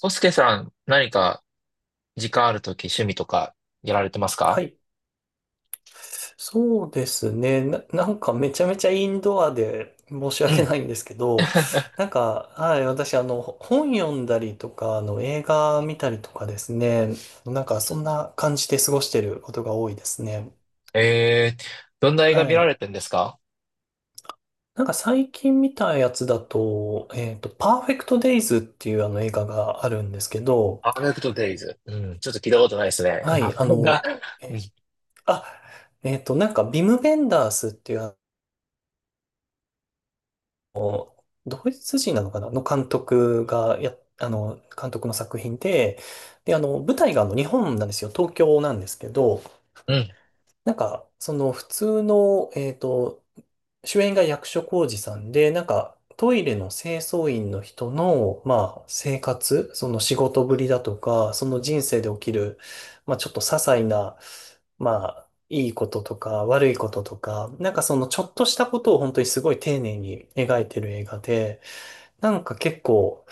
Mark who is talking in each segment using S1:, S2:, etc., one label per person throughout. S1: コスケさん、何か時間あるとき趣味とかやられてます
S2: は
S1: か？
S2: い。そうですね。なんかめちゃめちゃインドアで申し
S1: う
S2: 訳
S1: ん。
S2: ないんですけど、なんか、はい、私、本読んだりとか、映画見たりとかですね、なんかそんな感じで過ごしてることが多いですね。
S1: えー、どんな映画
S2: は
S1: 見ら
S2: い。
S1: れてんですか？
S2: なんか最近見たやつだと、パーフェクトデイズっていうあの映画があるんですけど、
S1: アーネクトデイズ。うん、ちょっと聞いたことないですね。
S2: はい、
S1: な、うん、
S2: えあ、なんか、ビム・ベンダースっていうのドイツ人なのかなの監督の作品で、で、舞台が日本なんですよ。東京なんですけど、
S1: うん、
S2: なんか、その普通の、主演が役所広司さんで、なんか、トイレの清掃員の人の、まあ、生活、その仕事ぶりだとか、その人生で起きる、まあ、ちょっと些細な、まあ、いいこととか、悪いこととか、なんかそのちょっとしたことを本当にすごい丁寧に描いてる映画で、なんか結構、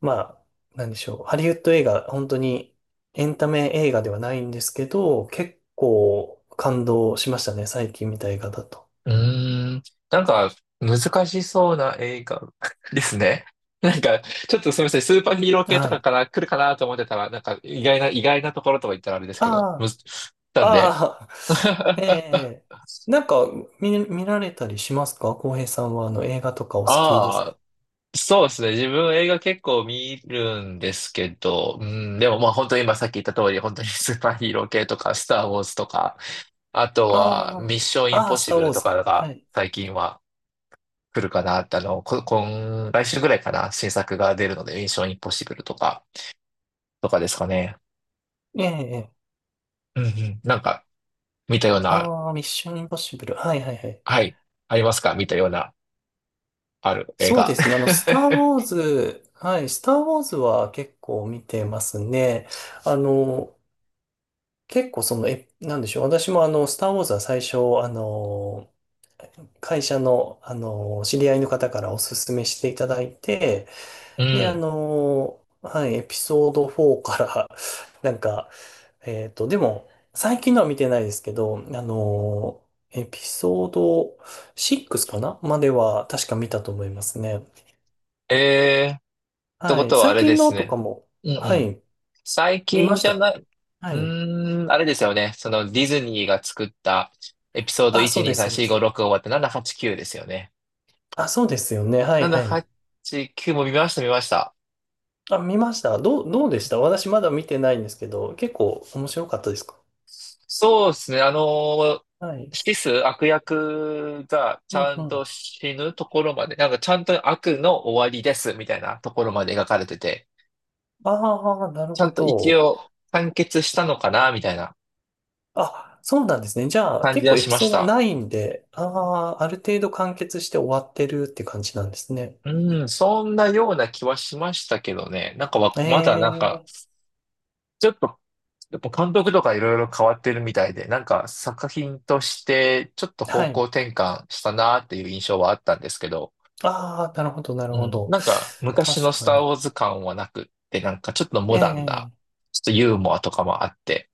S2: まあ、なんでしょう。ハリウッド映画、本当にエンタメ映画ではないんですけど、結構感動しましたね。最近見た映画だと。
S1: うーん。なんか、難しそうな映画 ですね。なんか、ちょっとすみません、スーパーヒーロー系と
S2: は
S1: か
S2: い。
S1: から来るかなと思ってたら、なんか、意外なところとか言ったらあれですけど、む
S2: ああ、
S1: ず、なんで。
S2: ああ、ええ、なんか見られたりしますか？浩平さんはあの映画とかお好きです
S1: あそうですね。自分映画結構見るんですけど、うん、でもまあ本当に今さっき言った通り、本当に スーパーヒーロー系とか、スター・ウォーズとか、あと
S2: あ
S1: はミッション・イン
S2: あ、あ
S1: ポッ
S2: あ、ス
S1: シ
S2: ター
S1: ブ
S2: ウォ
S1: ル
S2: ー
S1: と
S2: ズ。
S1: かが
S2: はい。
S1: 最近は来るかなって、今、来週ぐらいかな、新作が出るので、ミッション・インポッシブルとか、とかですかね。
S2: ええ、
S1: うんうん。なんか、見たような、
S2: ああ、ミッションインポッシブル。はいはいはい。
S1: はい、ありますか？見たような、ある映
S2: そう
S1: 画。
S2: ですね。スター・ ウォーズ、はい、スター・ウォーズは結構見てますね。あの、結構その、なんでしょう。私もスター・ウォーズは最初、会社の、知り合いの方からおすすめしていただいて、
S1: う
S2: で、
S1: ん。
S2: はい、エピソード4から、なんか、でも、最近のは見てないですけど、エピソード6かなまでは確か見たと思いますね。
S1: えー、って
S2: は
S1: こ
S2: い。
S1: とはあ
S2: 最
S1: れで
S2: 近
S1: す
S2: のと
S1: ね。
S2: かも、
S1: うんう
S2: は
S1: ん。
S2: い。
S1: 最
S2: 見ま
S1: 近
S2: し
S1: じゃ
S2: た。
S1: ない、
S2: は
S1: う
S2: い。
S1: ーん、あれですよね。そのディズニーが作ったエピソード
S2: あ、そ
S1: 1、
S2: うで
S1: 2、
S2: す、
S1: 3、
S2: そうで
S1: 4、
S2: す。
S1: 5、6終わって789ですよね。
S2: あ、そうですよね。はい、はい。
S1: 789も見ました、見ました。
S2: あ、見ました。どうでした？私まだ見てないんですけど、結構面白かったですか？
S1: そうですね。
S2: はい。
S1: 悪役がち
S2: うん
S1: ゃ
S2: う
S1: んと
S2: ん。
S1: 死ぬところまで、なんかちゃんと悪の終わりですみたいなところまで描かれてて、
S2: ああ、なる
S1: ちゃ
S2: ほ
S1: んと一
S2: ど。
S1: 応完結したのかなみたいな
S2: あ、そうなんですね。じゃあ、
S1: 感
S2: 結
S1: じは
S2: 構エ
S1: し
S2: ピ
S1: ま
S2: ソ
S1: し
S2: ード
S1: た。
S2: ないんで、ああ、ある程度完結して終わってるって感じなんですね。
S1: うん、そんなような気はしましたけどね。なんかわ
S2: え
S1: まだなんか、
S2: え、
S1: ちょっと、やっぱ監督とかいろいろ変わってるみたいで、なんか作品としてちょっと
S2: は
S1: 方向
S2: い。
S1: 転換したなーっていう印象はあったんですけど、
S2: ああ、なるほど、なる
S1: う
S2: ほ
S1: ん、
S2: ど。
S1: なんか昔の
S2: 確
S1: ス
S2: か
S1: ター
S2: に。
S1: ウォーズ感はなくって、ちょっとモダンな、
S2: ええ、
S1: ちょっとユーモアとかもあって、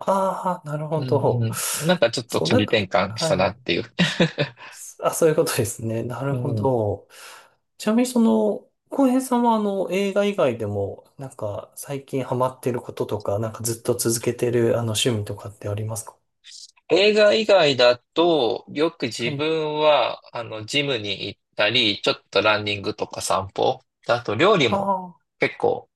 S2: ああ、なる
S1: う
S2: ほ
S1: ん
S2: ど。
S1: うん、なんかちょっと
S2: そう、な
S1: 仮
S2: んか、
S1: 転換した
S2: は
S1: なっ
S2: い。
S1: ていう。
S2: あ、そういうことですね。なる
S1: う
S2: ほ
S1: ん。
S2: ど。ちなみに、その、浩平さんは、映画以外でも、なんか、最近ハマってることとか、なんかずっと続けてる、趣味とかってありますか？
S1: 映画以外だと、よく自
S2: はい。
S1: 分は、あの、ジムに行ったり、ちょっとランニングとか散歩。あと、料理
S2: あ
S1: も
S2: あ、
S1: 結構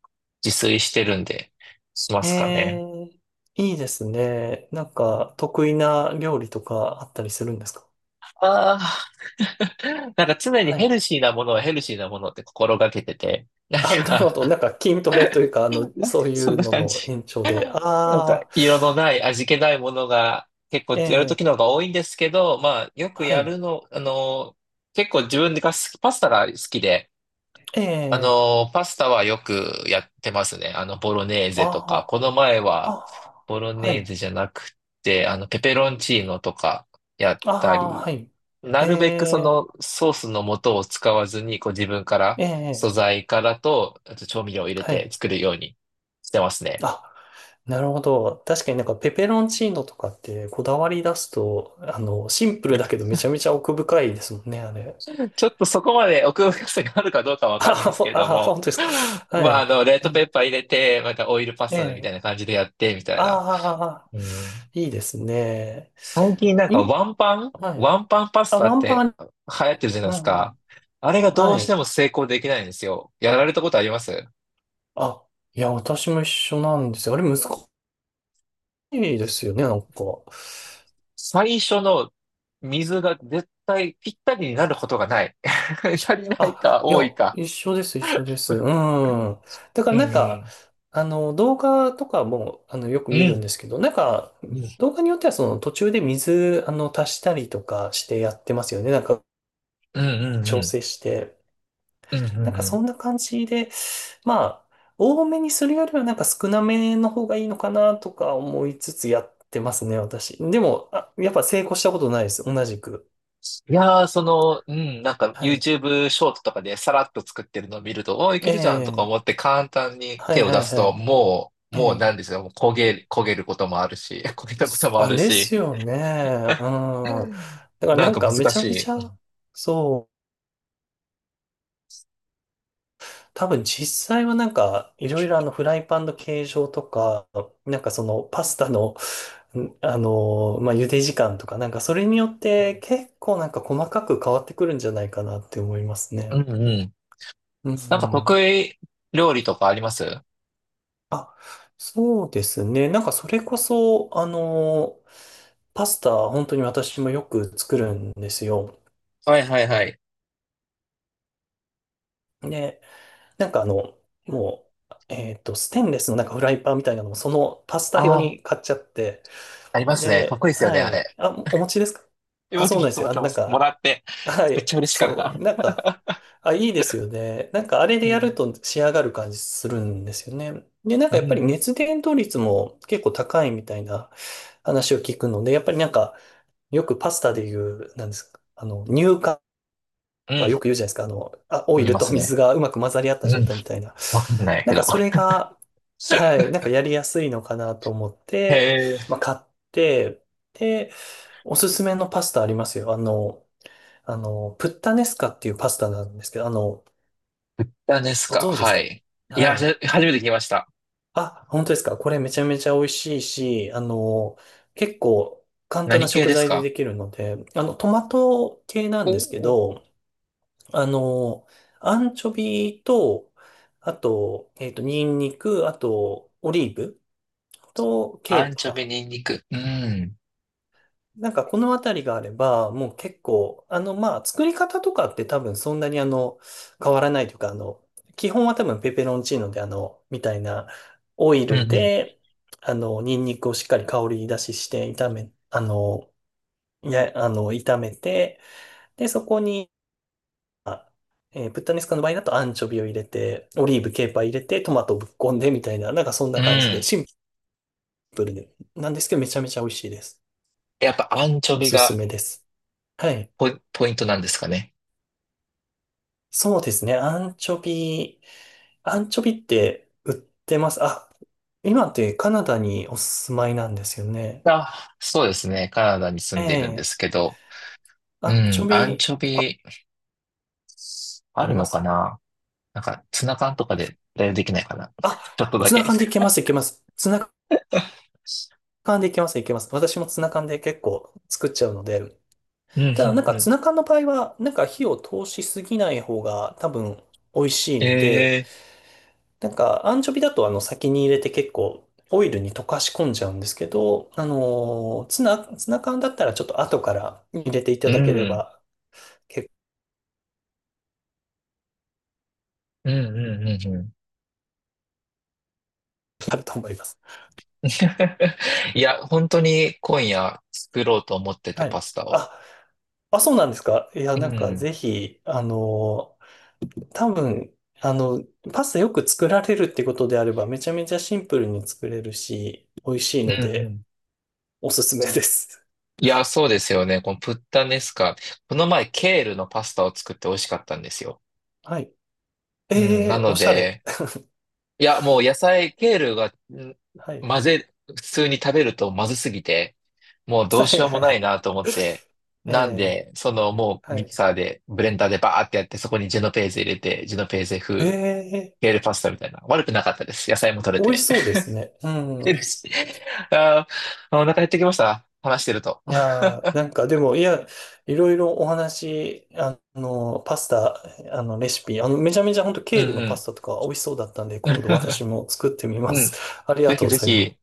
S1: 自炊してるんで、しま
S2: え
S1: すかね。
S2: え、いいですね。なんか、得意な料理とかあったりするんですか？
S1: ああ、なんか常に
S2: はい。
S1: ヘルシーなものって心がけてて、
S2: あ、なるほど。なんか、筋トレというか、そうい
S1: そん
S2: う
S1: な
S2: の
S1: 感
S2: の
S1: じ。
S2: 延長で。
S1: なんか、
S2: ああ、
S1: 色のない、味気ないものが結構
S2: え
S1: やると
S2: え、
S1: きの方が多いんですけど、まあ、よく
S2: は
S1: や
S2: い。
S1: るの、あの、結構自分が好き、パスタが好きで、
S2: え
S1: あ
S2: え、
S1: の、パスタはよくやってますね。あの、ボロネーゼとか。
S2: あ
S1: この前
S2: あ、
S1: は、
S2: あ
S1: ボロ
S2: あ、は
S1: ネーゼ
S2: い。
S1: じゃなくて、あの、ペペロンチーノとかやっ
S2: あ
S1: た
S2: あ、
S1: り、
S2: はい。
S1: な
S2: え
S1: るべくそ
S2: え、
S1: のソースの素を使わずに、こう自分から、
S2: え
S1: 素
S2: え、
S1: 材からと、あと調味料を入れ
S2: は
S1: て
S2: い。
S1: 作るようにしてますね。
S2: あ、なるほど。確かになんかペペロンチーノとかってこだわり出すと、シンプルだけどめちゃめちゃ奥深いですもんね、あれ。
S1: ちょっとそこまで奥深さがあるかどうか わか
S2: あ
S1: んないですけ
S2: ほ
S1: れ
S2: あ、
S1: ど
S2: 本
S1: も、
S2: 当です か。は
S1: まあ、あ
S2: い。
S1: の、レッド
S2: え
S1: ペッパー入れて、またオイルパス
S2: え、
S1: タみたい
S2: え、
S1: な感じでやって、みたいな。
S2: ああ
S1: うん。
S2: ー、いいですね。
S1: 最近なんか
S2: ん、はい。
S1: ワンパンパス
S2: あ、
S1: タ
S2: ワ
S1: っ
S2: ンパ
S1: て
S2: ン。
S1: 流行ってるじゃない
S2: う
S1: です
S2: んう
S1: か。
S2: ん。
S1: あれがど
S2: は
S1: うして
S2: い。
S1: も成功できないんですよ。やられたことあります？
S2: あ、いや、私も一緒なんですよ。あれ難いいですよね、なんか。
S1: 最初の水が絶対ぴったりになることがない。足りない
S2: あ、
S1: か
S2: いや、
S1: 多いか。
S2: 一緒です、一緒です。うん。だか
S1: う
S2: らな
S1: ん
S2: ん
S1: う
S2: か、
S1: ん。
S2: 動画とかも、よく
S1: う
S2: 見るんで
S1: ん。
S2: すけど、なんか、
S1: うん
S2: 動画によってはその途中で水、足したりとかしてやってますよね。なんか、
S1: うんうんう
S2: 調
S1: ん。
S2: 整して。
S1: うんう
S2: なんか、そん
S1: ん。
S2: な感じで、まあ、多めにするよりはなんか少なめの方がいいのかなとか思いつつやってますね、私。でも、あ、やっぱ成功したことないです、同じく。
S1: いやー、なんか
S2: はい。
S1: YouTube ショートとかでさらっと作ってるのを見ると、おー、いけるじゃんとか
S2: ええ、
S1: 思って簡単に
S2: は
S1: 手
S2: い
S1: を
S2: は
S1: 出
S2: い
S1: す
S2: は
S1: と、
S2: い。え
S1: もうな
S2: え。
S1: んですよ、もう焦げ、焦げることもあるし、焦げたこともある
S2: です
S1: し、
S2: よね。うん。だから
S1: な
S2: な
S1: ん
S2: ん
S1: か
S2: かめ
S1: 難
S2: ちゃ
S1: し
S2: めち
S1: い。
S2: ゃ、そう、多分実際はなんかいろいろあのフライパンの形状とか、なんかそのパスタの、まあ、茹で時間とか、なんかそれによって結構なんか細かく変わってくるんじゃないかなって思いますね。
S1: うんうん。うん。
S2: う
S1: なんか
S2: ん。
S1: 得意料理とかありますあ
S2: あ、そうですね。なんかそれこそ、パスタ本当に私もよく作るんですよ。
S1: はいはいはい。
S2: ね、なんかあの、もう、ステンレスのなんかフライパンみたいなのも、そのパスタ用
S1: あー、
S2: に買っちゃって、
S1: ありますね。かっ
S2: で、
S1: こいいですよね、
S2: は
S1: あ
S2: い。
S1: れ。
S2: あ、お持ちですか？あ、
S1: 持って
S2: そう
S1: ま
S2: なんで
S1: す、
S2: す
S1: 持っ
S2: よ。
S1: てま
S2: なん
S1: す。も
S2: か、
S1: らって、
S2: は
S1: めっ
S2: い、
S1: ちゃ嬉しかっ
S2: そう、なん
S1: た。
S2: か、あ、いいですよね。なんか、あれで
S1: う
S2: やる
S1: ん。
S2: と仕上がる感じするんですよね。で、なんか
S1: う
S2: やっ
S1: ん
S2: ぱり
S1: うん。
S2: 熱伝導率も結構高いみたいな話を聞くので、やっぱりなんか、よくパスタで言う、なんですか、乳化
S1: う
S2: なんかよ
S1: ん。
S2: く言うじゃないですか。あ、オ
S1: 飲
S2: イ
S1: み
S2: ル
S1: ま
S2: と
S1: すね。
S2: 水がうまく混ざり合った
S1: う
S2: 状
S1: ん。
S2: 態みたいな。
S1: わかんない
S2: な
S1: け
S2: んか
S1: ど。
S2: それが、はい、なんかやりやすいのかなと思って、
S1: へえ。
S2: まあ買って、で、おすすめのパスタありますよ。プッタネスカっていうパスタなんですけど、
S1: タです
S2: ご
S1: か？
S2: 存知です
S1: は
S2: か？
S1: い。い
S2: は
S1: や、
S2: い。
S1: 初めて聞きました。
S2: あ、本当ですか。これめちゃめちゃ美味しいし、結構簡単
S1: 何
S2: な
S1: 系
S2: 食
S1: です
S2: 材で
S1: か？
S2: できるので、トマト系な
S1: お
S2: んですけ
S1: おー。
S2: ど、あの、アンチョビと、あと、ニンニク、あと、オリーブとケ
S1: ア
S2: ー
S1: ンチョビ、
S2: パ
S1: ニンニク。うん。
S2: ー。なんかこのあたりがあれば、もう結構、まあ、作り方とかって多分そんなに変わらないというか、基本は多分ペペロンチーノでみたいなオイ
S1: うん、
S2: ル
S1: うん。
S2: で、ニンニクをしっかり香り出しして炒め、あの、や、あの、炒めて、で、そこに、あ、ブッダネスカの場合だとアンチョビを入れて、オリーブ、ケーパー入れて、トマトをぶっこんでみたいな、なんかそん
S1: う
S2: な感じで、
S1: ん。
S2: シンプルで、なんですけどめちゃめちゃ美味しいです。
S1: やっぱアンチョ
S2: お
S1: ビ
S2: すす
S1: が
S2: めです。はい。
S1: ポイントなんですかね。
S2: そうですね。アンチョビって売ってます？あ、今ってカナダにお住まいなんですよね。
S1: あ、そうですね。カナダに住んでいるんで
S2: ええ、
S1: すけど。
S2: ア
S1: う
S2: ンチ
S1: ん。
S2: ョ
S1: アン
S2: ビ
S1: チョビ、あ
S2: あ
S1: る
S2: りま
S1: のか
S2: す？
S1: な？なんか、ツナ缶とかで代用できないかな？
S2: あ、
S1: ちょっとだ
S2: ツナ
S1: け。
S2: 缶でいけます、いけます。ツナ缶でいけます、いけます。私もツナ缶で結構作っちゃうので、
S1: うん、う
S2: ただ、なん
S1: ん、
S2: か
S1: うん。
S2: ツナ缶の場合は、なんか火を通しすぎない方が多分美味しいので、
S1: ええ
S2: なんかアンチョビだとあの先に入れて結構オイルに溶かし込んじゃうんですけど、ツナ缶だったらちょっと後から入れていた
S1: ー、う
S2: だけれ
S1: ん。
S2: ば結
S1: うん、うん、うん、うん。
S2: 構あると思います。
S1: いや、本当に今夜作ろうと思ってて、
S2: は
S1: パ
S2: い。
S1: スタを。
S2: あ、あ、そうなんですか。いや、
S1: う
S2: なんか
S1: ん。
S2: ぜひ、多分、あの、パスタよく作られるってことであればめちゃめちゃシンプルに作れるし、美味しいの
S1: うんう
S2: で
S1: ん。
S2: おすすめです。
S1: いや、そうですよね。このプッタネスカ。この前、ケールのパスタを作って美味しかったんですよ。
S2: はい。
S1: うん。
S2: え
S1: な
S2: え、お
S1: の
S2: しゃれ。
S1: で、いや、もう野菜、ケールが、ん
S2: はい。
S1: 混ぜ、普通に食べるとまずすぎて、もう どう
S2: は
S1: し
S2: い
S1: よう
S2: は
S1: も
S2: いは
S1: ない
S2: い。
S1: なと思って、
S2: え
S1: なん
S2: え、
S1: で、そのもう
S2: は
S1: ミキ
S2: い。
S1: サーで、ブレンダーでバーってやって、そこにジェノペーゼ入れて、ジェノペーゼ風、
S2: ええ、
S1: ケールパスタみたいな。悪くなかったです。野菜も取れ
S2: 美味
S1: て。
S2: しそうですね。う
S1: えで
S2: ん。
S1: すあー、お腹減ってきました。話してると。
S2: いやー、なんかでも、いや、いろいろお話、パスタ、レシピ、めちゃめちゃ本当
S1: う
S2: ケールのパ
S1: ん
S2: スタとか美味しそうだったんで、
S1: うん。
S2: 今度私 も作ってみま
S1: うん。
S2: す。あり
S1: ぜ
S2: がと
S1: ひ
S2: うご
S1: ぜ
S2: ざいま
S1: ひ、
S2: す。